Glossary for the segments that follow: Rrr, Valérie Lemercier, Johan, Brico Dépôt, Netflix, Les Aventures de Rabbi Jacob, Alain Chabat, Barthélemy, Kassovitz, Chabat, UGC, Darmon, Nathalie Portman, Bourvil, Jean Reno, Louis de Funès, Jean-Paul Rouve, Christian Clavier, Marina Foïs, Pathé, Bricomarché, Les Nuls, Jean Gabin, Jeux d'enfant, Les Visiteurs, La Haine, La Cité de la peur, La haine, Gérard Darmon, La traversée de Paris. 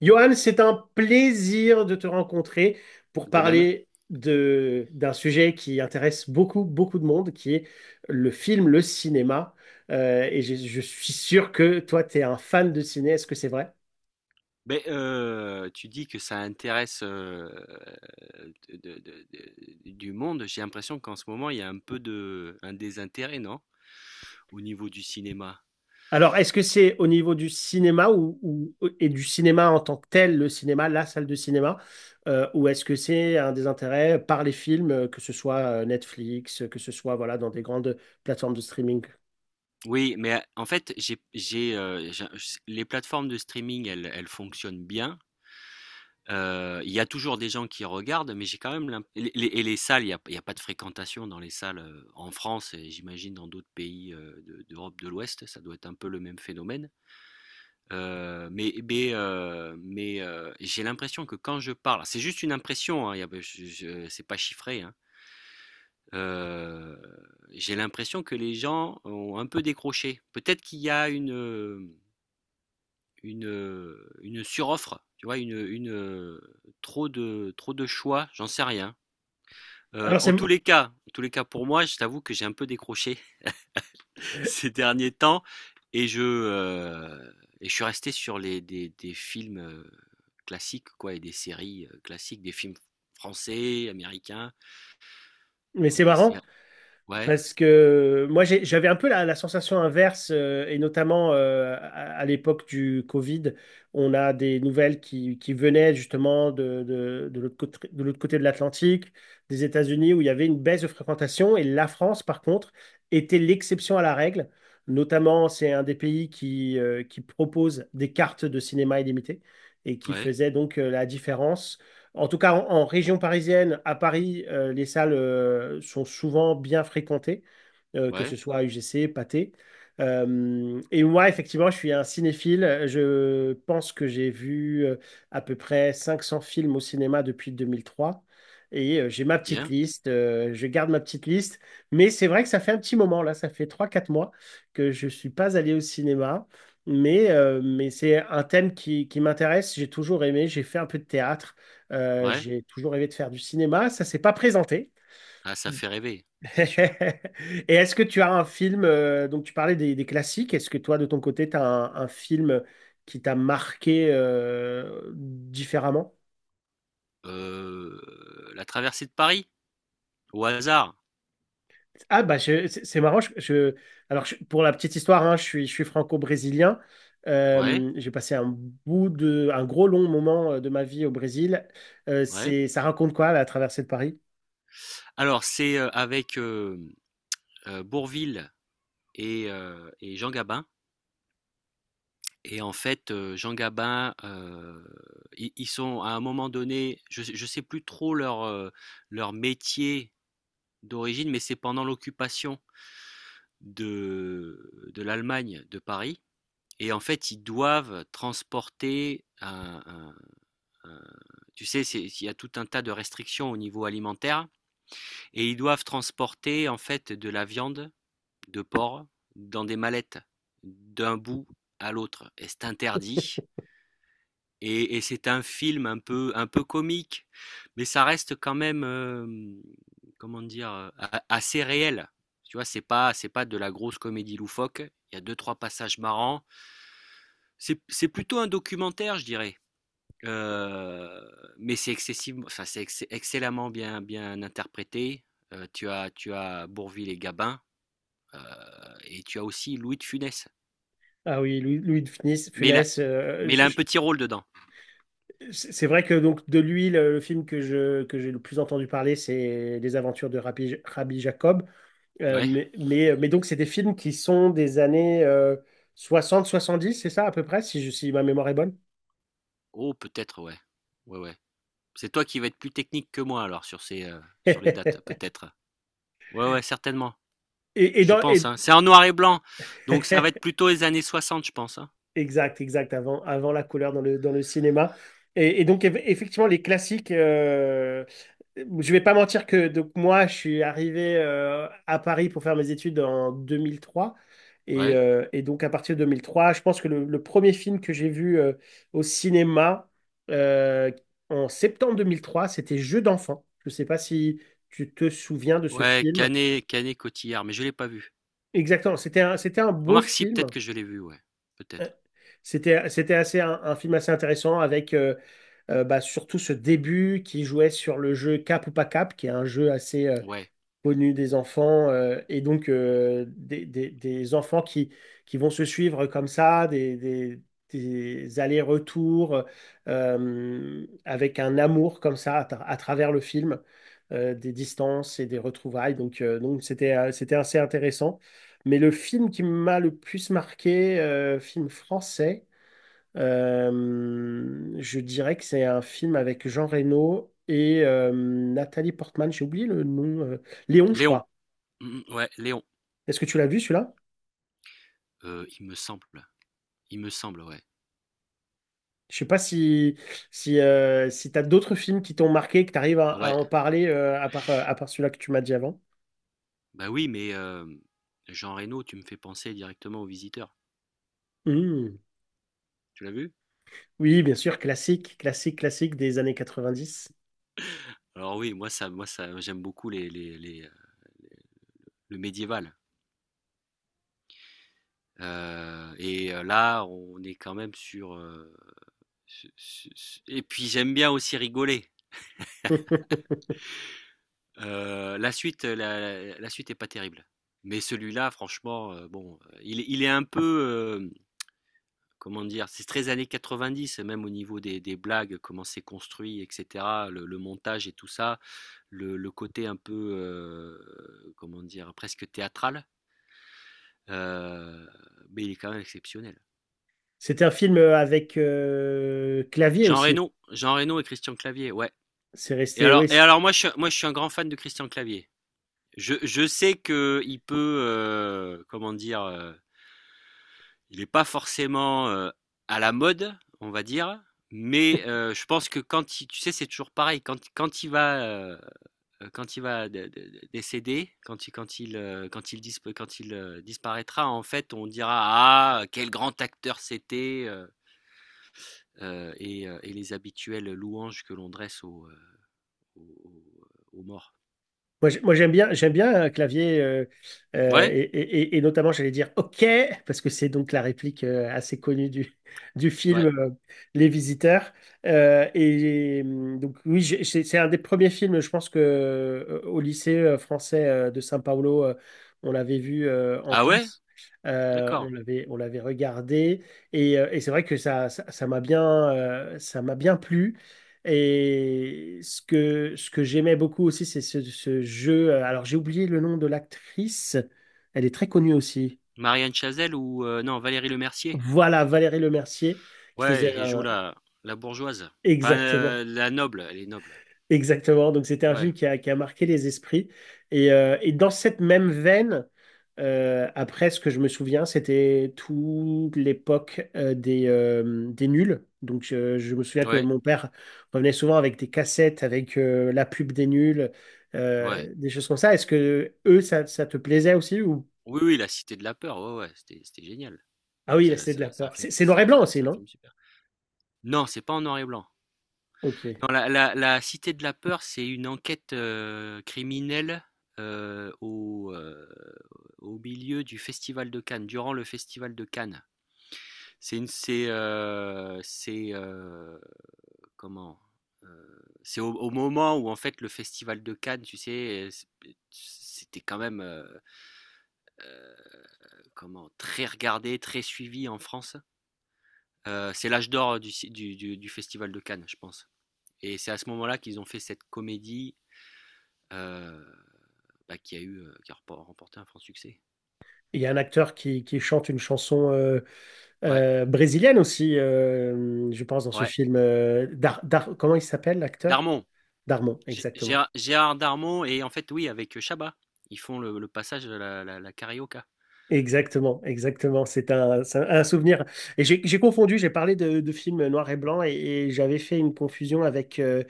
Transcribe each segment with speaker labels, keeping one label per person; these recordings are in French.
Speaker 1: Johan, c'est un plaisir de te rencontrer pour
Speaker 2: De même.
Speaker 1: parler d'un sujet qui intéresse beaucoup de monde, qui est le film, le cinéma. Je suis sûr que toi, tu es un fan de ciné, est-ce que c'est vrai?
Speaker 2: Ben, tu dis que ça intéresse du monde. J'ai l'impression qu'en ce moment, il y a un peu un désintérêt, non? Au niveau du cinéma.
Speaker 1: Alors, est-ce que c'est au niveau du cinéma et du cinéma en tant que tel, le cinéma, la salle de cinéma, ou est-ce que c'est un des intérêts par les films, que ce soit Netflix, que ce soit voilà, dans des grandes plateformes de streaming?
Speaker 2: Oui, mais en fait, les plateformes de streaming, elles fonctionnent bien. Il y a toujours des gens qui regardent, mais j'ai quand même l'imp- et les salles, il y a pas de fréquentation dans les salles en France et j'imagine dans d'autres pays d'Europe de l'Ouest, ça doit être un peu le même phénomène. J'ai l'impression que quand je parle c'est juste une impression, hein, y a je c'est pas chiffré, hein. Heu, j'ai l'impression que les gens ont un peu décroché. Peut-être qu'il y a une suroffre, tu vois? Une, trop de choix, j'en sais rien.
Speaker 1: Alors, c'est,
Speaker 2: En tous les cas en tous les cas pour moi, je t'avoue que j'ai un peu décroché ces derniers temps. Et je, euh, et je suis resté sur des films classiques, quoi, et des séries classiques, des films français, américains,
Speaker 1: mais
Speaker 2: et
Speaker 1: c'est
Speaker 2: des
Speaker 1: marrant.
Speaker 2: séries. Ouais,
Speaker 1: Parce que moi, j'avais un peu la sensation inverse, et notamment à l'époque du Covid, on a des nouvelles qui venaient justement de l'autre côté, de l'autre côté de l'Atlantique, des États-Unis, où il y avait une baisse de fréquentation, et la France, par contre, était l'exception à la règle. Notamment, c'est un des pays qui propose des cartes de cinéma illimitées et qui
Speaker 2: ouais,
Speaker 1: faisait donc la différence en tout cas, en région parisienne, à Paris, les salles sont souvent bien fréquentées que ce
Speaker 2: ouais,
Speaker 1: soit UGC, Pathé. Et moi, effectivement, je suis un cinéphile. Je pense que j'ai vu à peu près 500 films au cinéma depuis 2003, j'ai ma
Speaker 2: c'est
Speaker 1: petite
Speaker 2: bien,
Speaker 1: liste, je garde ma petite liste. Mais c'est vrai que ça fait un petit moment, là, ça fait trois, quatre mois que je ne suis pas allé au cinéma. Mais c'est un thème qui m'intéresse. J'ai toujours aimé, j'ai fait un peu de théâtre,
Speaker 2: ouais.
Speaker 1: j'ai toujours rêvé de faire du cinéma. Ça ne s'est pas présenté.
Speaker 2: Ah, ça fait rêver, c'est sûr.
Speaker 1: Et est-ce que tu as un film, donc tu parlais des classiques, est-ce que toi de ton côté, tu as un film qui t'a marqué différemment?
Speaker 2: La traversée de Paris, au hasard.
Speaker 1: Ah bah c'est marrant, pour la petite histoire, hein, je suis franco-brésilien.
Speaker 2: Ouais,
Speaker 1: J'ai passé un bout de, un gros long moment de ma vie au Brésil.
Speaker 2: ouais.
Speaker 1: C'est, ça raconte quoi la traversée de Paris?
Speaker 2: Alors, c'est avec Bourvil et Jean Gabin. Et en fait, Jean Gabin, ils sont à un moment donné, je ne sais plus trop leur métier d'origine, mais c'est pendant l'occupation de l'Allemagne de Paris et en fait, ils doivent transporter un tu sais, c'est il y a tout un tas de restrictions au niveau alimentaire et ils doivent transporter en fait de la viande de porc dans des mallettes d'un bout à l'autre et c'est interdit. Et c'est un film un peu comique, mais ça reste quand même, comment dire, assez réel. Tu vois, c'est pas de la grosse comédie loufoque. Il y a deux, trois passages marrants. C'est plutôt un documentaire, je dirais. Euh, mais c'est excessivement, enfin, c'est excellemment bien, bien interprété. Tu as Bourvil et Gabin, euh, et tu as aussi Louis de Funès.
Speaker 1: Ah oui, Louis de Funès,
Speaker 2: Mais il a, mais il a un petit rôle dedans.
Speaker 1: C'est vrai que donc de lui, le film que je, que j'ai le plus entendu parler, c'est Les Aventures de Rabbi Jacob. Euh,
Speaker 2: Ouais.
Speaker 1: mais, mais, euh, mais donc, c'est des films qui sont des années 60 70 c'est ça à peu près, si, si ma mémoire est bonne.
Speaker 2: Oh, peut-être, ouais. Ouais, ouais. C'est toi qui vas être plus technique que moi alors sur les dates
Speaker 1: Et,
Speaker 2: peut-être. Ouais ouais certainement.
Speaker 1: et
Speaker 2: Je
Speaker 1: dans,
Speaker 2: pense,
Speaker 1: et-
Speaker 2: hein. C'est en noir et blanc. Donc ça va être plutôt les années 60, je pense, hein.
Speaker 1: Exact, exact, avant, avant la couleur dans le cinéma. Et donc, effectivement, les classiques, je vais pas mentir que donc, moi, je suis arrivé à Paris pour faire mes études en 2003.
Speaker 2: Ouais.
Speaker 1: Et donc, à partir de 2003, je pense que le premier film que j'ai vu au cinéma euh, en septembre 2003, c'était Jeux d'enfant. Je sais pas si tu te souviens de ce
Speaker 2: Ouais,
Speaker 1: film.
Speaker 2: Canet Cotillard, mais je l'ai pas vu.
Speaker 1: Exactement, c'était un beau
Speaker 2: Remarque si peut-être
Speaker 1: film.
Speaker 2: que je l'ai vu, ouais. Peut-être.
Speaker 1: C'était, c'était assez un film assez intéressant avec bah, surtout ce début qui jouait sur le jeu Cap ou pas Cap, qui est un jeu assez
Speaker 2: Ouais.
Speaker 1: connu des enfants, et donc des, des enfants qui vont se suivre comme ça, des allers-retours avec un amour comme ça à travers le film, des distances et des retrouvailles. Donc c'était, c'était assez intéressant. Mais le film qui m'a le plus marqué, film français, euh, je dirais que c'est un film avec Jean Reno et Nathalie Portman. J'ai oublié le nom. Léon, je
Speaker 2: Léon.
Speaker 1: crois.
Speaker 2: Mhm, ouais, Léon.
Speaker 1: Est-ce que tu l'as vu celui-là?
Speaker 2: Il me semble. Il me semble, ouais.
Speaker 1: Je sais pas si, si, si tu as d'autres films qui t'ont marqué, que tu arrives
Speaker 2: Oh,
Speaker 1: à
Speaker 2: ouais.
Speaker 1: en parler à part celui-là que tu m'as dit avant.
Speaker 2: Bah oui, mais Jean Reno, tu me fais penser directement aux Visiteurs.
Speaker 1: Hmm.
Speaker 2: Tu l'as vu?
Speaker 1: Oui, bien sûr, classique, classique, classique des années 90.
Speaker 2: Alors oui, moi ça j'aime beaucoup le médiéval. Là, on est quand même sur, su su su et puis j'aime bien aussi rigoler. La suite est pas terrible. Mais celui-là, franchement, bon, il est un peu, comment dire? C'est très années 90, même au niveau des blagues, comment c'est construit, et cetera, le montage et tout ça, le côté un peu, comment dire? Presque théâtral, heu, mais il est quand même exceptionnel.
Speaker 1: C'était un film avec clavier
Speaker 2: Jean
Speaker 1: aussi.
Speaker 2: Reno Jean Reno et Christian Clavier, ouais.
Speaker 1: C'est
Speaker 2: Et
Speaker 1: resté,
Speaker 2: alors,
Speaker 1: oui,
Speaker 2: et
Speaker 1: c'est
Speaker 2: alors moi, je suis, moi, je suis, un grand fan de Christian Clavier. Je sais que il peut, comment dire, il n'est pas forcément à la mode, on va dire, mais je pense que quand il, tu sais, c'est toujours pareil, quand quand il va décéder, disp- quand il disparaîtra, en fait, on dira ah quel grand acteur c'était, et les habituelles louanges que l'on dresse aux morts.
Speaker 1: moi, moi, j'aime bien un clavier,
Speaker 2: Ouais,
Speaker 1: et, et notamment, j'allais dire OK, parce que c'est donc la réplique assez connue du, du film
Speaker 2: ouais.
Speaker 1: Les Visiteurs. Oui, c'est un des premiers films, je pense que au lycée français de São Paulo, on l'avait vu en
Speaker 2: Ah ouais?
Speaker 1: classe. On
Speaker 2: D'accord.
Speaker 1: l'avait, on l'avait regardé. Et c'est vrai que ça, ça m'a bien plu. Et ce que j'aimais beaucoup aussi, c'est ce, ce jeu. Alors, j'ai oublié le nom de l'actrice. Elle est très connue aussi.
Speaker 2: Marianne Chazelle ou non, Valérie Lemercier?
Speaker 1: Voilà, Valérie Lemercier, qui
Speaker 2: Ouais,
Speaker 1: faisait
Speaker 2: elle joue
Speaker 1: un...
Speaker 2: la bourgeoise. Enfin,
Speaker 1: Exactement.
Speaker 2: la noble, elle est noble.
Speaker 1: Exactement. Donc, c'était un
Speaker 2: Ouais,
Speaker 1: film qui a marqué les esprits. Et dans cette même veine, après, ce que je me souviens, c'était toute l'époque des nuls. Donc, je me souviens que
Speaker 2: ouais,
Speaker 1: mon père revenait souvent avec des cassettes, avec la pub des nuls,
Speaker 2: ouais.
Speaker 1: des choses comme ça. Est-ce que eux, ça te plaisait aussi ou...
Speaker 2: Oui, oui, La Cité de la peur, ouais, ouais, c'était génial.
Speaker 1: Ah oui,
Speaker 2: C'est
Speaker 1: là,
Speaker 2: un
Speaker 1: c'était
Speaker 2: c'est
Speaker 1: de
Speaker 2: un
Speaker 1: la
Speaker 2: c'est un
Speaker 1: peur.
Speaker 2: film
Speaker 1: C'est
Speaker 2: c'est
Speaker 1: noir et
Speaker 2: un
Speaker 1: blanc aussi,
Speaker 2: c'est un
Speaker 1: non?
Speaker 2: film super. Non, c'est pas en noir et blanc.
Speaker 1: Ok.
Speaker 2: Non, La Cité de la peur, c'est une enquête, criminelle, heu, au, heu, au milieu du festival de Cannes, durant le festival de Cannes. C'est une c'est, comment c'est au, au moment où en fait le festival de Cannes, tu sais, c'était quand même comment très regardé, très suivi en France. C'est l'âge d'or du festival de Cannes, je pense. Et c'est à ce moment-là qu'ils ont fait cette comédie euh, bah, qui a remporté un franc succès.
Speaker 1: Il y a un acteur qui chante une chanson.
Speaker 2: Ouais,
Speaker 1: Brésilienne aussi, je pense, dans ce
Speaker 2: ouais.
Speaker 1: film. Comment il s'appelle, l'acteur?
Speaker 2: Darmon.
Speaker 1: Darmon, exactement.
Speaker 2: Gérard Darmon et en fait oui avec Chabat, ils font le passage de la carioca.
Speaker 1: Exactement, exactement. C'est un souvenir. Et j'ai confondu, j'ai parlé de films noir et blanc et j'avais fait une confusion avec euh,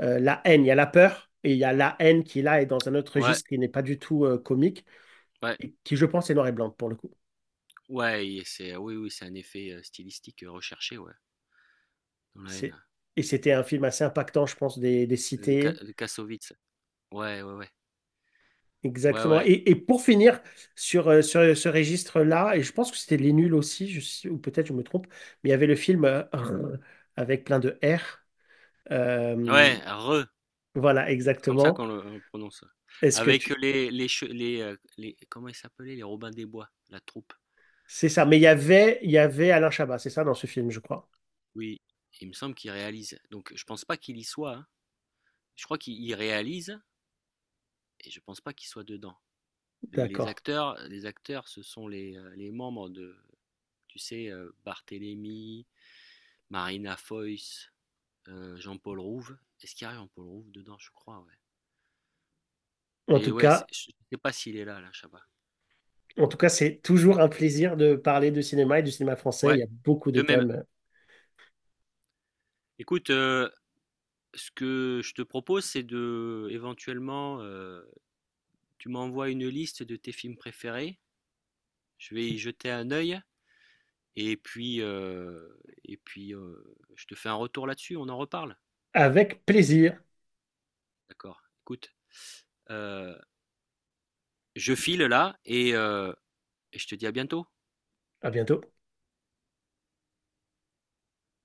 Speaker 1: euh, La haine. Il y a la peur et il y a la haine qui là est dans un autre
Speaker 2: Ouais,
Speaker 1: registre qui n'est pas du tout comique
Speaker 2: ouais.
Speaker 1: et qui, je pense, est noir et blanc pour le coup.
Speaker 2: Ouais, et c'est oui, oui, c'est un effet, stylistique, recherché, ouais, dans La
Speaker 1: C'est-
Speaker 2: Haine.
Speaker 1: Et c'était un film assez impactant, je pense, des
Speaker 2: De Ka
Speaker 1: cités
Speaker 2: de Kassovitz. Ouais, ouais, ouais. Ouais,
Speaker 1: exactement.
Speaker 2: ouais.
Speaker 1: Et pour finir sur, ce registre-là, et je pense que c'était Les Nuls aussi, ou peut-être je me trompe, mais il y avait le film Rrr avec plein de R. Euh,
Speaker 2: Ouais, Re,
Speaker 1: voilà,
Speaker 2: comme ça
Speaker 1: exactement.
Speaker 2: qu'on le prononce. Ouais.
Speaker 1: Est-ce que
Speaker 2: Avec
Speaker 1: tu...
Speaker 2: les, comment ils s'appelaient? Les Robins des Bois, la troupe.
Speaker 1: C'est ça. Mais il y avait Alain Chabat, c'est ça, dans ce film, je crois.
Speaker 2: Oui, il me semble qu'il réalise. Donc je pense pas qu'il y soit, hein. Je crois qu'il il réalise et je pense pas qu'il soit dedans. Les
Speaker 1: D'accord.
Speaker 2: acteurs les acteurs, ce sont les membres de tu sais, Barthélemy, Marina Foïs, Jean-Paul Rouve. Est-ce qu'il y a Jean-Paul Rouve dedans? Je crois, ouais.
Speaker 1: En
Speaker 2: Mais
Speaker 1: tout
Speaker 2: ouais, je
Speaker 1: cas,
Speaker 2: ne sais pas s'il est là, là, Chabat.
Speaker 1: en tout cas, c'est toujours un plaisir de parler de cinéma et du cinéma français. Il
Speaker 2: Ouais,
Speaker 1: y a beaucoup de
Speaker 2: de même.
Speaker 1: thèmes.
Speaker 2: Écoute, ce que je te propose, c'est de éventuellement, tu m'envoies une liste de tes films préférés. Je vais y jeter un œil et puis, je te fais un retour là-dessus, on en reparle?
Speaker 1: Avec plaisir.
Speaker 2: D'accord. Écoute, heu, je file là et je te dis à bientôt.
Speaker 1: À bientôt.